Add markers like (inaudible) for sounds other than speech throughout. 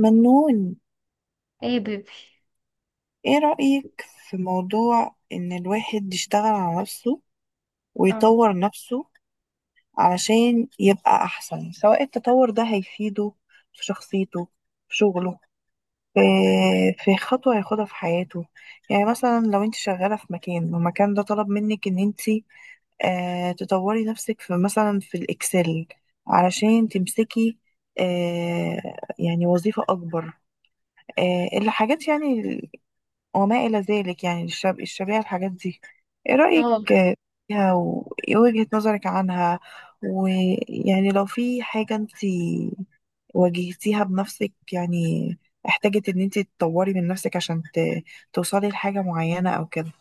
منون، ايه يا بيبي. ايه رأيك في موضوع ان الواحد يشتغل على نفسه اه. ويطور نفسه علشان يبقى احسن؟ سواء التطور ده هيفيده في شخصيته، في شغله، في في خطوة هياخدها في حياته. يعني مثلا لو انت شغالة في مكان والمكان ده طلب منك ان انت تطوري نفسك في مثلا في الإكسل علشان تمسكي آه، يعني وظيفة أكبر، الحاجات يعني وما إلى ذلك، يعني الشبيهة الحاجات دي. إيه رأيك اه. فيها وإيه وجهة نظرك عنها؟ ويعني لو في حاجة أنت واجهتيها بنفسك، يعني احتاجت إن أنت تطوري من نفسك عشان توصلي لحاجة معينة أو كده.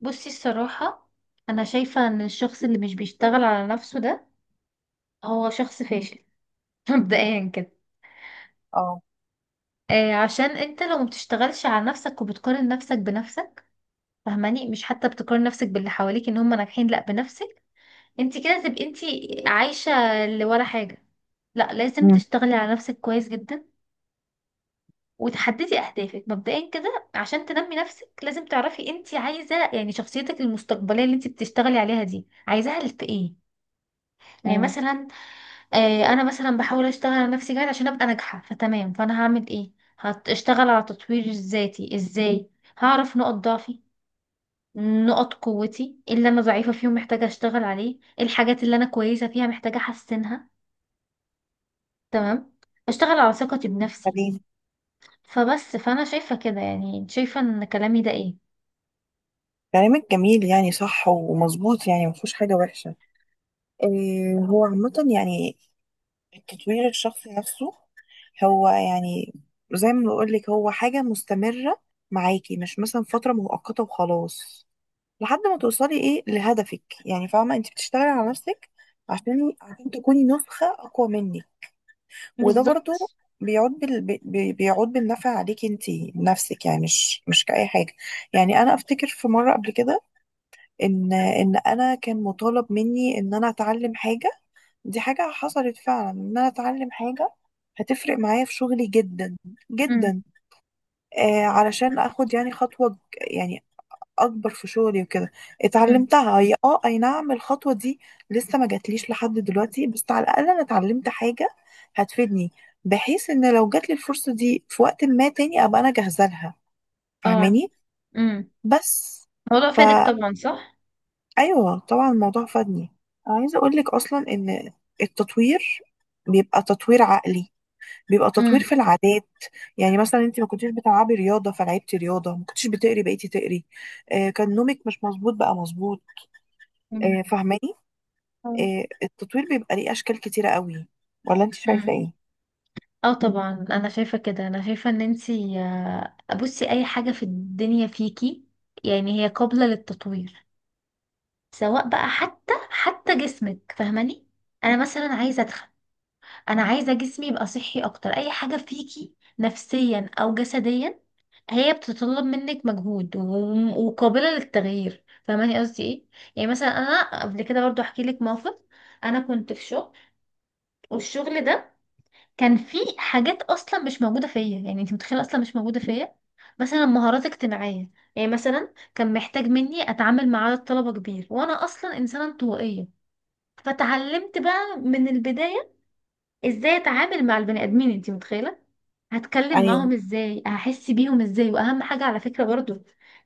بصي، الصراحة أنا شايفة إن الشخص اللي مش بيشتغل على نفسه ده هو شخص فاشل (laughs) مبدئيا كده. اه. آه، عشان أنت لو مبتشتغلش على نفسك وبتقارن نفسك بنفسك، فاهماني؟ مش حتى بتقارن نفسك باللي حواليك إن هم ناجحين، لأ، بنفسك. أنت كده تبقي أنت عايشة اللي ولا حاجة. لأ، لازم امم. تشتغلي على نفسك كويس جدا وتحددي أهدافك. مبدئيا كده، عشان تنمي نفسك لازم تعرفي أنت عايزة، يعني شخصيتك المستقبلية اللي أنت بتشتغلي عليها دي عايزاها في إيه. يعني امم. مثلا، آه انا مثلا بحاول اشتغل على نفسي جاهز عشان ابقى ناجحه، فتمام، فانا هعمل ايه؟ هشتغل على تطوير ذاتي ازاي؟ هعرف نقط ضعفي، نقط قوتي، إيه اللي انا ضعيفه فيهم محتاجه اشتغل عليه، إيه الحاجات اللي انا كويسه فيها محتاجه احسنها. تمام. اشتغل على ثقتي بنفسي. حبيبي. فبس، فانا شايفه كده، يعني شايفه ان كلامي ده ايه؟ كلامك جميل، يعني صح ومظبوط، يعني مفيهوش حاجة وحشة. إيه هو عامة يعني التطوير الشخصي نفسه هو يعني زي ما بقول لك هو حاجة مستمرة معاكي، مش مثلا فترة مؤقتة وخلاص لحد ما توصلي ايه لهدفك. يعني فاهمة انت بتشتغلي على نفسك عشان تكوني نسخة أقوى منك. وده برضو بالظبط. بيعود بالنفع عليكي انت نفسك، يعني مش كأي حاجة. يعني أنا أفتكر في مرة قبل كده إن أنا كان مطالب مني إن أنا أتعلم حاجة. دي حاجة حصلت فعلا، إن أنا أتعلم حاجة هتفرق معايا في شغلي جدا امم. جدا. علشان اخد يعني خطوة يعني اكبر في شغلي وكده. امم. اتعلمتها هي، اه اي نعم، الخطوة دي لسه ما جاتليش لحد دلوقتي، بس على الاقل انا اتعلمت حاجة هتفيدني، بحيث ان لو جاتلي الفرصة دي في وقت ما تاني ابقى انا جاهزة لها. اه. فاهماني؟ امم. بس الموضوع فادك فا طبعا، صح. ايوه طبعا الموضوع فادني. انا عايزة اقولك اصلا ان التطوير بيبقى تطوير عقلي، بيبقى تطوير امم. في العادات. يعني مثلا انت ما كنتيش بتلعبي رياضه فلعبتي رياضه، ما كنتيش بتقري بقيتي تقري، كان نومك مش مظبوط بقى مظبوط. مم. فاهماني؟ التطوير بيبقى ليه اشكال كتيره قوي، ولا انت شايفه آه. ايه؟ اه طبعا انا شايفه كده، انا شايفه ان انتي بصي اي حاجه في الدنيا فيكي يعني هي قابله للتطوير، سواء بقى حتى جسمك فاهماني. انا مثلا عايزه ادخل، انا عايزه جسمي يبقى صحي اكتر. اي حاجه فيكي نفسيا او جسديا هي بتتطلب منك مجهود وقابله للتغيير، فاهماني قصدي ايه؟ يعني مثلا انا قبل كده برضو احكي لك موقف. انا كنت في شغل، والشغل ده كان في حاجات اصلا مش موجوده فيا، يعني انت متخيله اصلا مش موجوده فيا. مثلا مهارات اجتماعيه، يعني مثلا كان محتاج مني اتعامل مع عدد طلبه كبير وانا اصلا انسانه انطوائيه. فتعلمت بقى من البدايه ازاي اتعامل مع البني ادمين. انت متخيله؟ هتكلم ايوه معاهم ازاي، هحس بيهم ازاي، واهم حاجه على فكره برضو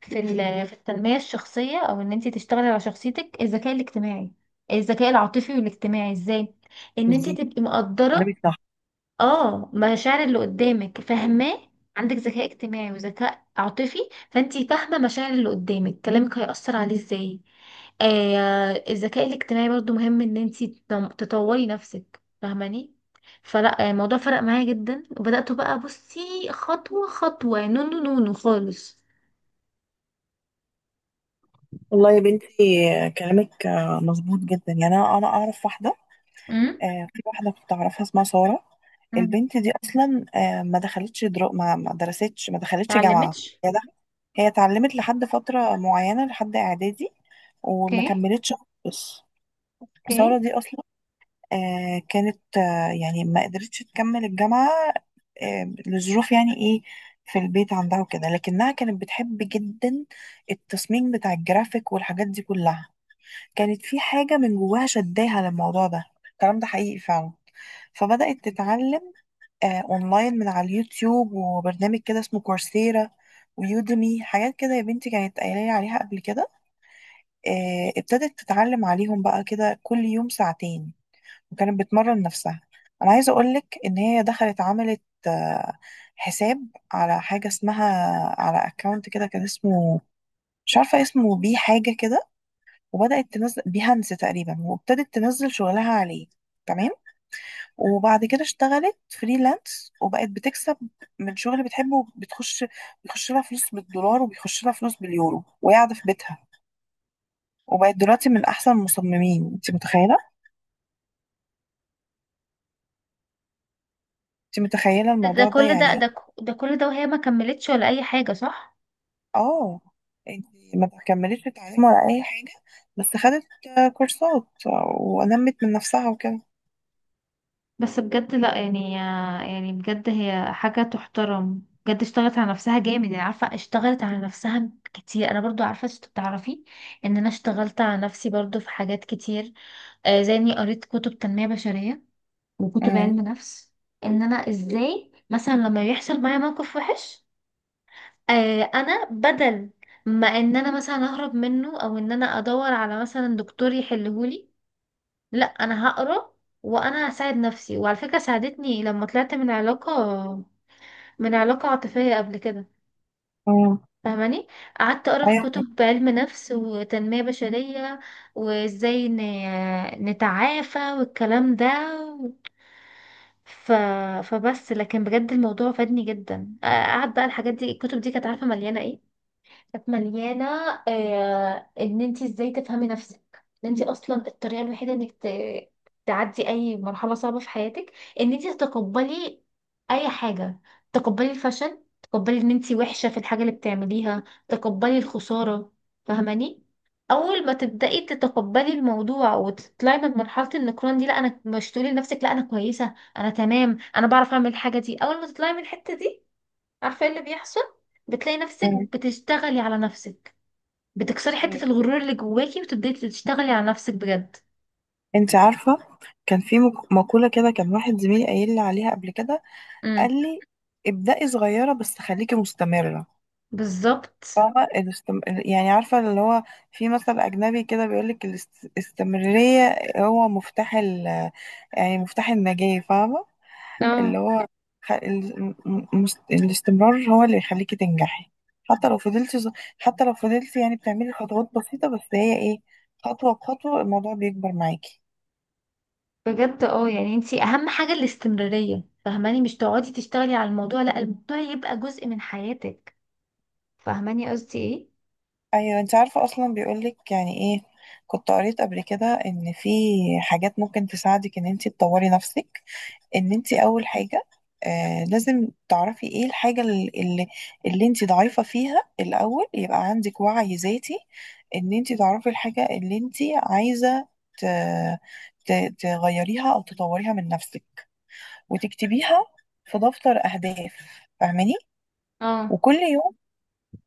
(laughs) في التنميه الشخصيه او ان انت تشتغلي على شخصيتك، الذكاء الاجتماعي، الذكاء العاطفي والاجتماعي، ازاي ان انت بالظبط، تبقي كلامك مقدره، صح. اه، مشاعر اللي قدامك، فاهماه؟ عندك ذكاء اجتماعي وذكاء عاطفي، فانتي فاهمة مشاعر اللي قدامك كلامك هيأثر عليه ازاي. آه، الذكاء الاجتماعي برضو مهم ان انتي تطوري نفسك فاهماني. فلا، الموضوع فرق معايا جدا، وبدأت بقى، بصي، خطوة خطوة نونو نونو خالص. والله يا بنتي، كلامك مظبوط جدا. يعني انا اعرف واحده، امم. في واحدة كنت أعرفها اسمها سارة. مم. البنت دي أصلا ما درستش، ما دخلتش جامعة، اتعلمتش. هي اتعلمت لحد فترة معينة لحد إعدادي، وما اوكي. كملتش خالص. سارة اوكي. دي أصلا كانت يعني ما قدرتش تكمل الجامعة لظروف يعني إيه في البيت عندها وكده، لكنها كانت بتحب جدا التصميم بتاع الجرافيك والحاجات دي كلها. كانت في حاجة من جواها شداها للموضوع ده، الكلام ده حقيقي فعلا. فبدأت تتعلم اونلاين من على اليوتيوب وبرنامج كده اسمه كورسيرا ويودمي، حاجات كده يا بنتي كانت قايله لي عليها قبل كده. ابتدت تتعلم عليهم بقى كده كل يوم ساعتين، وكانت بتمرن نفسها. انا عايزه اقولك ان هي دخلت عملت آه، حساب على حاجه اسمها، على اكونت كده كان اسمه، مش عارفه اسمه بيه حاجه كده، وبدأت تنزل بيهانس تقريبا وابتدت تنزل شغلها عليه. تمام. وبعد كده اشتغلت فريلانس وبقت بتكسب من شغل بتحبه، بتخش بيخش لها فلوس بالدولار وبيخش لها فلوس باليورو وهي قاعده في بيتها. وبقت دلوقتي من احسن المصممين. انت متخيله؟ انت متخيله ده الموضوع ده كل يعني؟ ده كل ده وهي ما كملتش ولا اي حاجة، صح؟ اه. انت ما كملتش تعليم ولا اي حاجه، بس خدت كورسات ونمت من نفسها وكده. بس بجد، لا يعني، يعني بجد هي حاجة تحترم بجد. اشتغلت على نفسها جامد، يعني عارفة اشتغلت على نفسها كتير. انا برضو عارفة، انت بتعرفي ان انا اشتغلت على نفسي برضو في حاجات كتير، آه زي اني قريت كتب تنمية بشرية وكتب امم. علم نفس، ان انا ازاي مثلا لما يحصل معايا موقف وحش، آه انا بدل ما ان انا مثلا اهرب منه او ان انا ادور على مثلا دكتور يحلهولي، لا انا هقرا وانا هساعد نفسي. وعلى فكره ساعدتني لما طلعت من علاقه، من علاقه عاطفيه قبل كده، امم. فاهماني. قعدت اقرا في ايوه. كتب علم نفس وتنميه بشريه وازاي نتعافى والكلام ده. ف... فبس، لكن بجد الموضوع فادني جدا. قعد بقى الحاجات دي، الكتب دي، كانت عارفه مليانه ايه؟ كانت مليانة ان انت ازاي تفهمي نفسك، ان انت اصلا الطريقة الوحيدة انك تعدي اي مرحلة صعبة في حياتك ان انت تتقبلي اي حاجة. تقبلي الفشل، تقبلي ان انت وحشة في الحاجة اللي بتعمليها، تقبلي الخسارة، فاهماني. اول ما تبدأي تتقبلي الموضوع وتطلعي من مرحلة النكران دي، لا انا مش، تقولي لنفسك لا انا كويسة انا تمام انا بعرف اعمل الحاجة دي، اول ما تطلعي من الحتة دي عارفة ايه اللي بيحصل؟ بتلاقي نفسك امم. بتشتغلي على نفسك، بتكسري حتة ايوه، الغرور اللي جواكي وتبدأي تشتغلي على نفسك بجد. انت عارفه كان في مقوله كده، كان واحد زميلي قايل لي عليها قبل كده. قال امم. لي: ابدأي صغيرة بس خليكي مستمرة. بالظبط. فاهمة يعني عارفة اللي هو في مثل أجنبي كده بيقولك الاستمرارية هو مفتاح يعني مفتاح النجاة. فاهمة؟ اللي اه هو خ... ال... م- م- الاستمرار هو اللي يخليكي تنجحي. حتى لو حتى لو فضلتي يعني بتعملي خطوات بسيطة، بس هي ايه، خطوة بخطوة الموضوع بيكبر معاكي. بجد، اه يعني انتي اهم حاجة الاستمرارية، فاهماني؟ مش تقعدي تشتغلي على الموضوع، لا الموضوع يبقى جزء من حياتك، فاهماني قصدي ايه؟ ايوه انت عارفه اصلا بيقولك يعني ايه، كنت قريت قبل كده ان في حاجات ممكن تساعدك ان انت تطوري نفسك. ان انت اول حاجه لازم تعرفي ايه الحاجه اللي انت ضعيفه فيها الاول، يبقى عندك وعي ذاتي ان انت تعرفي الحاجه اللي انت عايزه ت... ت... تغيريها او تطوريها من نفسك، وتكتبيها في دفتر اهداف. فاهماني؟ اه، وكل يوم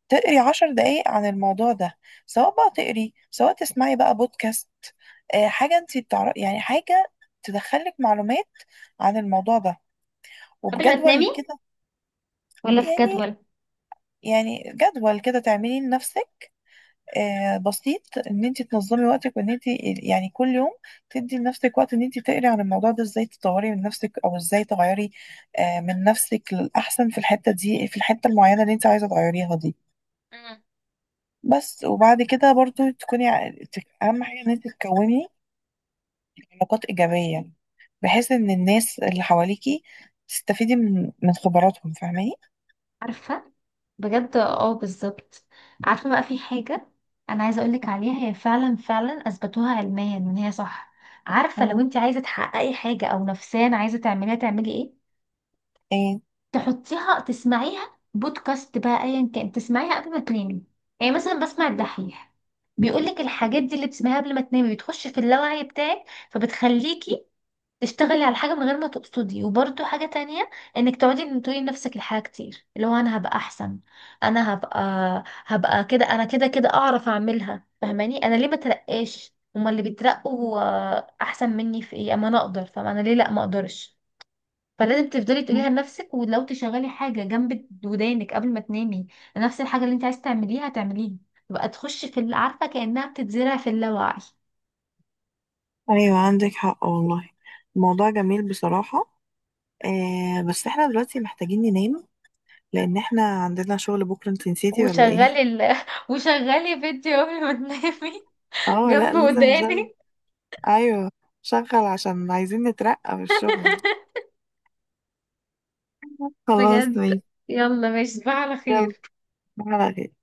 تقري 10 دقايق عن الموضوع ده، سواء بقى تقري سواء تسمعي بقى بودكاست حاجة انت بتعرفي يعني حاجة تدخلك معلومات عن الموضوع ده، قبل ما وبجدول تنامي كده. ولا في يعني جدول؟ يعني جدول كده تعمليه لنفسك بسيط، ان انت تنظمي وقتك وان انت يعني كل يوم تدي لنفسك وقت ان انت تقري عن الموضوع ده، ازاي تطوري من نفسك او ازاي تغيري من نفسك للأحسن في الحتة دي، في الحتة المعينة اللي انت عايزة تغيريها دي. بس وبعد كده برضو تكوني اهم حاجه ان انت تكوني علاقات ايجابيه، بحيث ان الناس اللي حواليكي تستفيدي من من خبراتهم. فاهماني؟ عارفة، بجد اه بالظبط. عارفة بقى في حاجة انا عايزة اقولك عليها، هي فعلا فعلا اثبتوها علميا ان هي صح. عارفة لو مم. انت عايزة تحققي حاجة او نفسيا عايزة تعمليها تعملي ايه؟ ايه؟ تحطيها، تسمعيها بودكاست بقى ايا كان، تسمعيها قبل ما تنامي. يعني مثلا بسمع الدحيح بيقولك الحاجات دي اللي بتسمعيها قبل ما تنامي بتخش في اللاوعي بتاعك، فبتخليكي تشتغلي على حاجة من غير ما تقصدي. وبرده حاجة تانية، انك تقعدي إن تقولي لنفسك الحاجة كتير، اللي هو انا هبقى احسن، انا هبقى، هبقى كده انا كده كده اعرف اعملها، فاهماني؟ انا ليه ما ترقاش، هما اللي بيترقوا احسن مني في ايه؟ اما انا اقدر، فانا ليه لا ما اقدرش؟ فلازم تفضلي تقوليها مم. لنفسك، ولو تشغلي حاجة جنب ودانك قبل ما تنامي، نفس الحاجة اللي انت عايزة تعمليها تعمليها، تبقى تخش في اللي عارفة كأنها بتتزرع في اللاوعي. ايوه عندك حق والله، الموضوع جميل بصراحة. بس احنا دلوقتي محتاجين ننام، لان احنا عندنا شغل بكرة. انت نسيتي ولا ايه؟ وشغلي ال... (laughs) وشغلي فيديو قبل ما تنامي، اه لا، جنب لازم وداني. نشغل. ايوه شغل، عشان عايزين نترقى في الشغل. خلاص بجد. ماشي. يلا ماشي، تصبح على يلا خير. على خير.